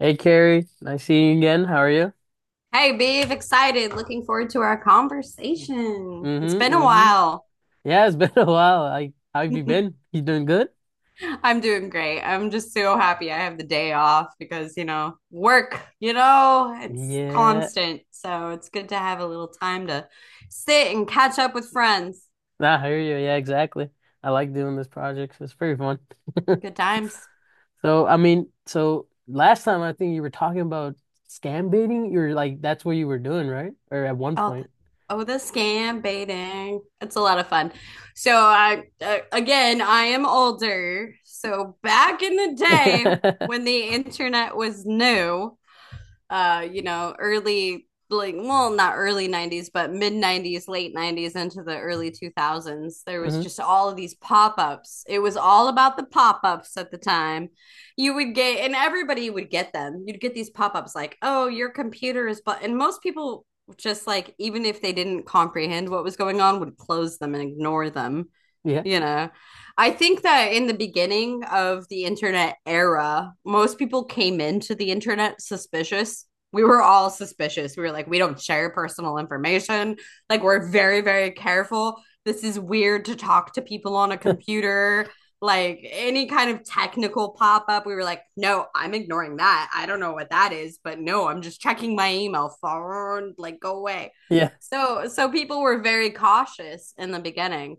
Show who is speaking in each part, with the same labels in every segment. Speaker 1: Hey Carrie, nice seeing you again. How are you?
Speaker 2: Hey, Bev! Excited. Looking forward to our conversation. It's
Speaker 1: Mm-hmm,
Speaker 2: been a
Speaker 1: mm-hmm.
Speaker 2: while.
Speaker 1: Yeah, it's been a while. Like, how have you been? You doing good?
Speaker 2: I'm doing great. I'm just so happy I have the day off because, work, it's
Speaker 1: Yeah,
Speaker 2: constant. So it's good to have a little time to sit and catch up with friends.
Speaker 1: nah, I hear you. Yeah, exactly. I like doing this project. It's pretty fun.
Speaker 2: Good times.
Speaker 1: So last time I think you were talking about scam baiting. You're like, that's what you were doing, right? Or at one
Speaker 2: Oh, the,
Speaker 1: point.
Speaker 2: oh, the scam baiting. It's a lot of fun. So I, again, I am older. So back in the day when
Speaker 1: Hmm.
Speaker 2: the internet was new, early like, well, not early 90s but mid 90s, late 90s into the early 2000s. There was just all of these pop-ups. It was all about the pop-ups at the time, you would get, and everybody would get them. You'd get these pop-ups like, oh, your computer is, but, and most people, just, like, even if they didn't comprehend what was going on, would close them and ignore them
Speaker 1: Yeah.
Speaker 2: you know I think that in the beginning of the internet era, most people came into the internet suspicious. We were all suspicious. We were like, we don't share personal information, like, we're very very careful. This is weird to talk to people on a computer. Like, any kind of technical pop up, we were like, no, I'm ignoring that, I don't know what that is, but no, I'm just checking my email, phone, like, go away.
Speaker 1: Yeah.
Speaker 2: So people were very cautious in the beginning.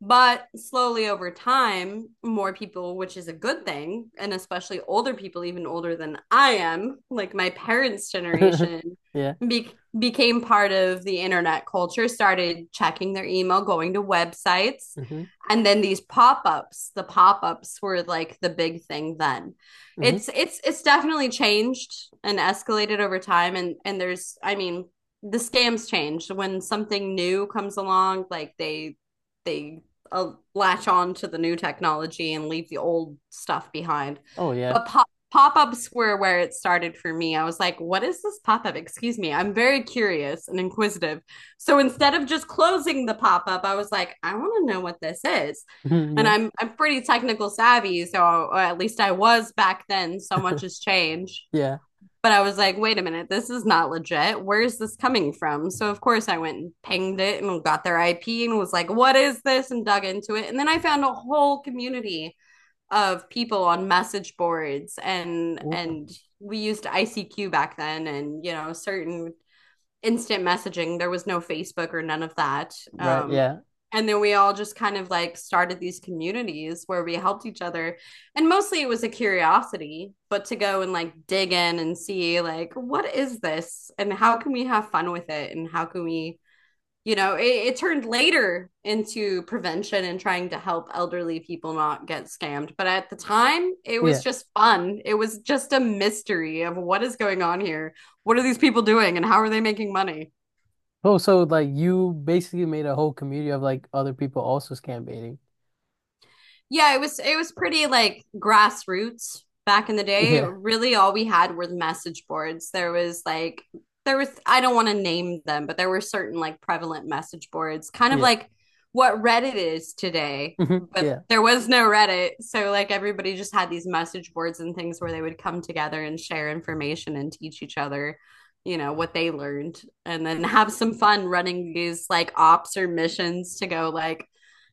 Speaker 2: But slowly over time, more people, which is a good thing, and especially older people, even older than I am, like my parents' generation,
Speaker 1: Yeah.
Speaker 2: be- became part of the internet culture, started checking their email, going to websites.
Speaker 1: Hmm.
Speaker 2: And then these pop-ups, the pop-ups were like the big thing then.
Speaker 1: Hmm.
Speaker 2: It's definitely changed and escalated over time, and there's, I mean, the scams changed when something new comes along, like they latch on to the new technology and leave the old stuff behind.
Speaker 1: Oh yeah.
Speaker 2: But pop ups were where it started for me. I was like, what is this pop up? Excuse me, I'm very curious and inquisitive. So instead of just closing the pop up, I was like, I want to know what this is. And
Speaker 1: Yeah.
Speaker 2: I'm pretty technical savvy, so at least I was back then. So much has changed.
Speaker 1: Yeah.
Speaker 2: But I was like, wait a minute, this is not legit. Where's this coming from? So, of course, I went and pinged it and got their IP and was like, what is this? And dug into it. And then I found a whole community of people on message boards, and
Speaker 1: Oh,
Speaker 2: and we used ICQ back then, and certain instant messaging. There was no Facebook or none of that.
Speaker 1: right. Yeah.
Speaker 2: And then we all just kind of like started these communities where we helped each other. And mostly it was a curiosity, but to go and like dig in and see, like, what is this? And how can we have fun with it? And how can we, it turned later into prevention and trying to help elderly people not get scammed. But at the time, it was
Speaker 1: Yeah.
Speaker 2: just fun. It was just a mystery of what is going on here. What are these people doing, and how are they making money?
Speaker 1: Oh, so like you basically made a whole community of like other people also scam baiting.
Speaker 2: Yeah, it was pretty like grassroots back in the day.
Speaker 1: Yeah,
Speaker 2: Really, all we had were the message boards. There was, I don't want to name them, but there were certain like prevalent message boards, kind of
Speaker 1: yeah,
Speaker 2: like what Reddit is today,
Speaker 1: mhm,
Speaker 2: but
Speaker 1: yeah,
Speaker 2: there was no Reddit. So like everybody just had these message boards and things where they would come together and share information and teach each other, what they learned, and then have some fun running these like ops or missions to go like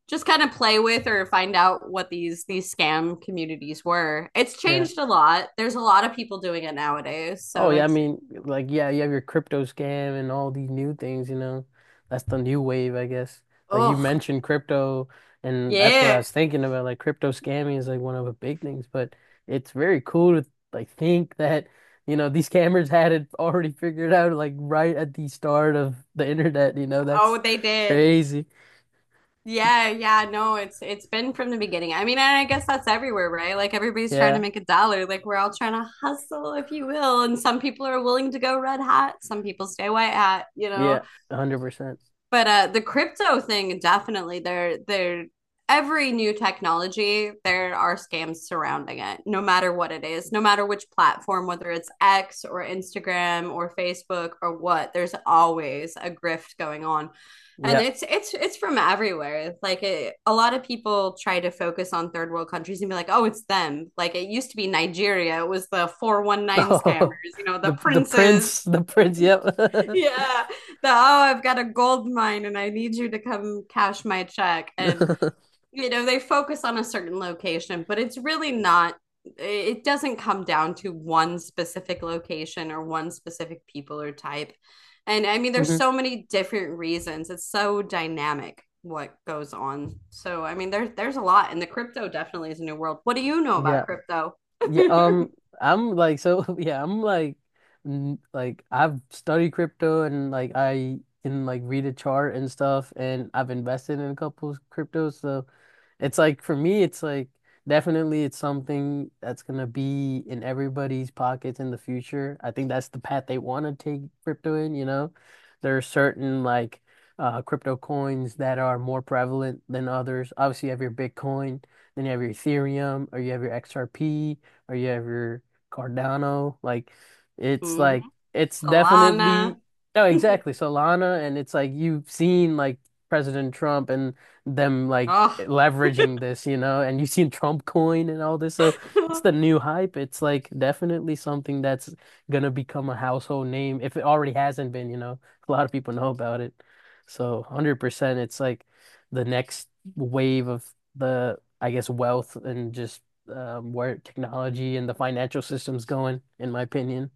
Speaker 2: just kind of play with or find out what these scam communities were. It's
Speaker 1: yeah.
Speaker 2: changed a lot. There's a lot of people doing it nowadays.
Speaker 1: Oh
Speaker 2: So
Speaker 1: yeah, I
Speaker 2: it's,
Speaker 1: mean, like yeah, you have your crypto scam and all these new things, you know. That's the new wave, I guess. Like you
Speaker 2: oh
Speaker 1: mentioned crypto, and that's what I
Speaker 2: yeah.
Speaker 1: was thinking about. Like crypto scamming is like one of the big things, but it's very cool to like think that, you know, these scammers had it already figured out like right at the start of the internet, you know, that's
Speaker 2: Oh, they did.
Speaker 1: crazy.
Speaker 2: Yeah, yeah, no, it's been from the beginning. I mean, and I guess that's everywhere, right? Like, everybody's trying to
Speaker 1: Yeah.
Speaker 2: make a dollar. Like, we're all trying to hustle, if you will. And some people are willing to go red hat, some people stay white hat, you
Speaker 1: Yeah,
Speaker 2: know.
Speaker 1: 100%.
Speaker 2: But the crypto thing, definitely, every new technology, there are scams surrounding it, no matter what it is, no matter which platform, whether it's X or Instagram or Facebook or what. There's always a grift going on. And
Speaker 1: Yeah.
Speaker 2: it's from everywhere. Like, a lot of people try to focus on third world countries and be like, "Oh, it's them." Like, it used to be Nigeria. It was the 419 scammers,
Speaker 1: Oh,
Speaker 2: the
Speaker 1: the
Speaker 2: princes,
Speaker 1: prince, the prince, yep.
Speaker 2: yeah. Oh, I've got a gold mine and I need you to come cash my check. And,
Speaker 1: Mhm.
Speaker 2: they focus on a certain location, but it's really not, it doesn't come down to one specific location or one specific people or type. And I mean, there's so many different reasons. It's so dynamic what goes on. So, I mean, there's a lot, and the crypto definitely is a new world. What do you know about
Speaker 1: Yeah.
Speaker 2: crypto?
Speaker 1: Yeah, I'm like so yeah, I'm like like I've studied crypto and like I can like read a chart and stuff and I've invested in a couple of cryptos. So it's like for me it's like definitely it's something that's gonna be in everybody's pockets in the future. I think that's the path they want to take crypto in, you know. There are certain like crypto coins that are more prevalent than others. Obviously you have your Bitcoin, then you have your Ethereum or you have your XRP or you have your Cardano.
Speaker 2: Mhm.
Speaker 1: Like it's definitely
Speaker 2: Solana.
Speaker 1: no, exactly Solana, and it's like you've seen like President Trump and them like
Speaker 2: Oh.
Speaker 1: leveraging this, you know, and you've seen Trump coin and all this. So it's the new hype. It's like definitely something that's gonna become a household name if it already hasn't been, you know. A lot of people know about it. So 100% it's like the next wave of the I guess wealth and just where technology and the financial system's going, in my opinion.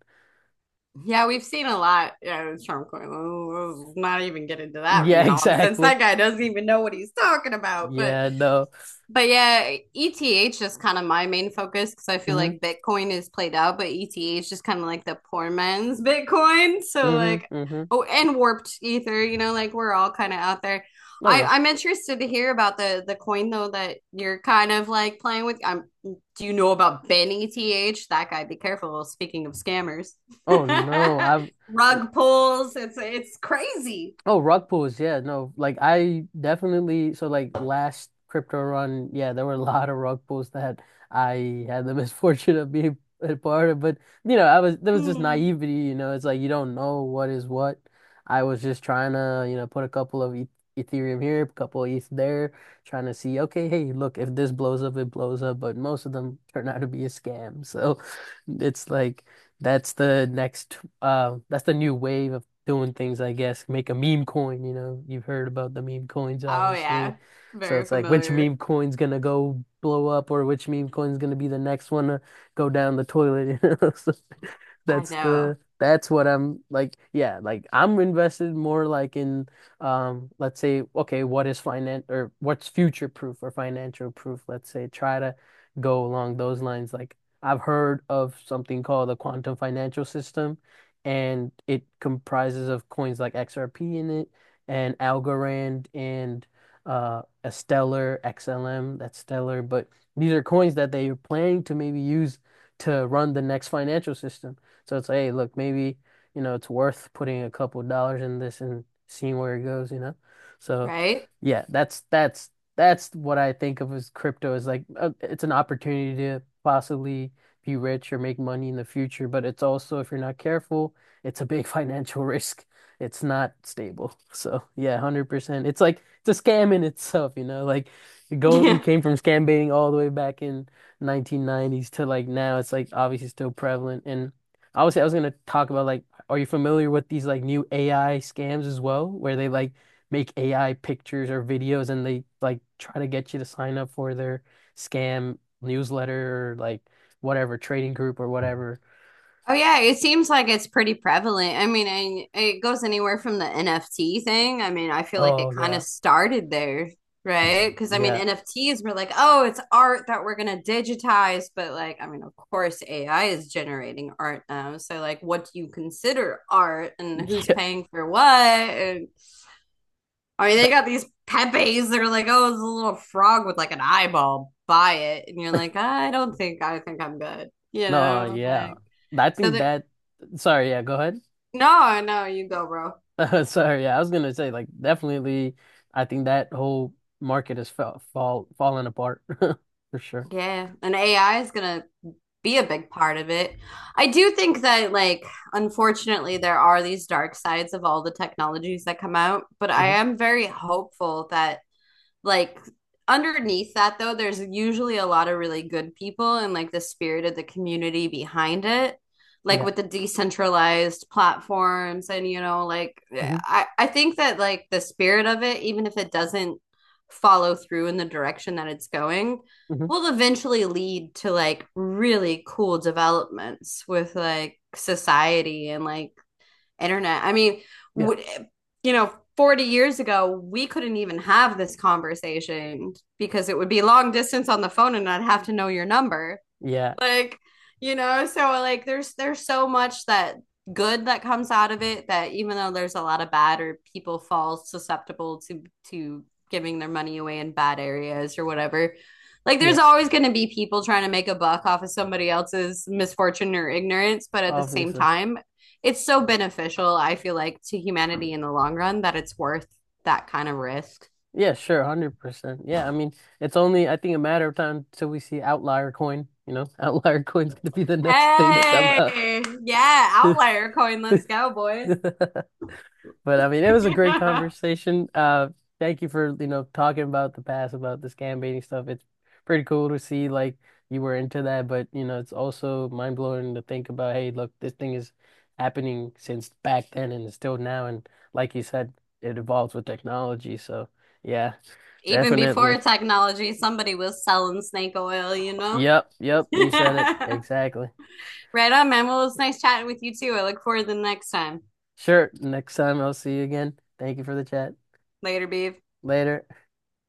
Speaker 2: Yeah, we've seen a lot. Yeah, it's Trump going, "Oh, not even get into that
Speaker 1: Yeah,
Speaker 2: nonsense.
Speaker 1: exactly.
Speaker 2: That guy doesn't even know what he's talking about." But
Speaker 1: Yeah, no.
Speaker 2: but yeah, ETH is kind of my main focus because I feel like
Speaker 1: Mm-hmm.
Speaker 2: Bitcoin is played out, but ETH is just kind of like the poor man's Bitcoin. So
Speaker 1: Mm-hmm.
Speaker 2: like,
Speaker 1: Mm-hmm.
Speaker 2: oh, and warped ether, like we're all kind of out there.
Speaker 1: Oh
Speaker 2: I
Speaker 1: yeah.
Speaker 2: I'm interested to hear about the coin though that you're kind of like playing with. Do you know about Ben ETH? That guy, be careful. Well, speaking of scammers,
Speaker 1: Oh no. I've
Speaker 2: rug pulls. It's crazy.
Speaker 1: oh, rug pulls, yeah, no, like I definitely so like last crypto run, yeah, there were a lot of rug pulls that I had the misfortune of being a part of, but you know, I was there was just
Speaker 2: Mm.
Speaker 1: naivety, you know, it's like you don't know what is what. I was just trying to, you know, put a couple of Ethereum here, a couple of ETH there, trying to see, okay, hey, look, if this blows up, it blows up, but most of them turn out to be a scam, so it's like. That's the new wave of doing things, I guess, make a meme coin, you know. You've heard about the meme coins,
Speaker 2: Oh
Speaker 1: obviously.
Speaker 2: yeah,
Speaker 1: So
Speaker 2: very
Speaker 1: it's like which
Speaker 2: familiar.
Speaker 1: meme coin's gonna go blow up or which meme coin's gonna be the next one to go down the toilet, you know.
Speaker 2: I know,
Speaker 1: That's what I'm like, yeah, like I'm invested more like in let's say, okay, what is finance or what's future proof or financial proof, let's say, try to go along those lines. Like I've heard of something called the quantum financial system and it comprises of coins like XRP in it and Algorand and a Stellar XLM. That's Stellar, but these are coins that they are planning to maybe use to run the next financial system. So it's like, hey, look, maybe you know it's worth putting a couple dollars in this and seeing where it goes, you know? So
Speaker 2: right?
Speaker 1: yeah, that's that's what I think of as crypto is like it's an opportunity to possibly be rich or make money in the future, but it's also if you're not careful it's a big financial risk. It's not stable. So yeah, 100%. It's like it's a scam in itself, you know? Like you go you
Speaker 2: Yeah.
Speaker 1: came from scam baiting all the way back in 1990s to like now it's like obviously still prevalent. And obviously I was gonna talk about like are you familiar with these like new AI scams as well, where they like make AI pictures or videos and they like try to get you to sign up for their scam newsletter or like whatever trading group or whatever.
Speaker 2: Oh yeah, it seems like it's pretty prevalent. I mean, it goes anywhere from the NFT thing. I mean, I feel like
Speaker 1: Oh
Speaker 2: it kind
Speaker 1: yeah.
Speaker 2: of started there, right? Because, I mean,
Speaker 1: Yeah.
Speaker 2: NFTs were like, oh, it's art that we're gonna digitize, but, like, I mean, of course, AI is generating art now. So like, what do you consider art, and who's paying for what? And, I mean, they
Speaker 1: That,
Speaker 2: got these Pepes that are like, oh, it's a little frog with like an eyeball. Buy it, and you're like, I don't think. I think I'm good. You
Speaker 1: no,
Speaker 2: know,
Speaker 1: yeah.
Speaker 2: like.
Speaker 1: I
Speaker 2: So
Speaker 1: think
Speaker 2: there.
Speaker 1: that, sorry, yeah, go ahead.
Speaker 2: No, no, you go, bro.
Speaker 1: Sorry, yeah, I was gonna say, like, definitely, I think that whole market is falling apart for sure.
Speaker 2: Yeah, and AI is gonna be a big part of it. I do think that, like, unfortunately, there are these dark sides of all the technologies that come out, but I
Speaker 1: Hmm.
Speaker 2: am very hopeful that, like, underneath that, though, there's usually a lot of really good people, and like the spirit of the community behind it, like
Speaker 1: Yeah.
Speaker 2: with the decentralized platforms, and like
Speaker 1: Hmm.
Speaker 2: I think that like the spirit of it, even if it doesn't follow through in the direction that it's going,
Speaker 1: Hmm.
Speaker 2: will eventually lead to like really cool developments with, like, society and like internet. I mean,
Speaker 1: Yeah.
Speaker 2: w- 40 years ago, we couldn't even have this conversation because it would be long distance on the phone and I'd have to know your number,
Speaker 1: Yeah.
Speaker 2: like, so, like, there's so much that good that comes out of it, that even though there's a lot of bad, or people fall susceptible to to giving their money away in bad areas or whatever, like, there's
Speaker 1: Yeah.
Speaker 2: always going to be people trying to make a buck off of somebody else's misfortune or ignorance, but at the same
Speaker 1: Obviously.
Speaker 2: time, it's so beneficial, I feel like, to humanity in the long run, that it's worth that kind of risk.
Speaker 1: Yeah, sure, 100%. Yeah, I mean, it's only, I think, a matter of time till we see outlier coin, you know, outlier coin's gonna be the next thing to come
Speaker 2: Hey,
Speaker 1: out.
Speaker 2: yeah, outlier coin, let's go, boys.
Speaker 1: But I mean, it was a great conversation. Thank you for, you know, talking about the past, about the scam baiting stuff. It's pretty cool to see like you were into that, but you know, it's also mind blowing to think about, hey, look, this thing is happening since back then and it's still now. And like you said, it evolves with technology. So yeah,
Speaker 2: Even
Speaker 1: definitely.
Speaker 2: before technology, somebody was selling snake oil, you know?
Speaker 1: Yep, yep, you said it
Speaker 2: Right
Speaker 1: exactly.
Speaker 2: on, man. Well, it's nice chatting with you too. I look forward to the next time.
Speaker 1: Sure. Next time I'll see you again. Thank you for the chat.
Speaker 2: Later, Beav.
Speaker 1: Later.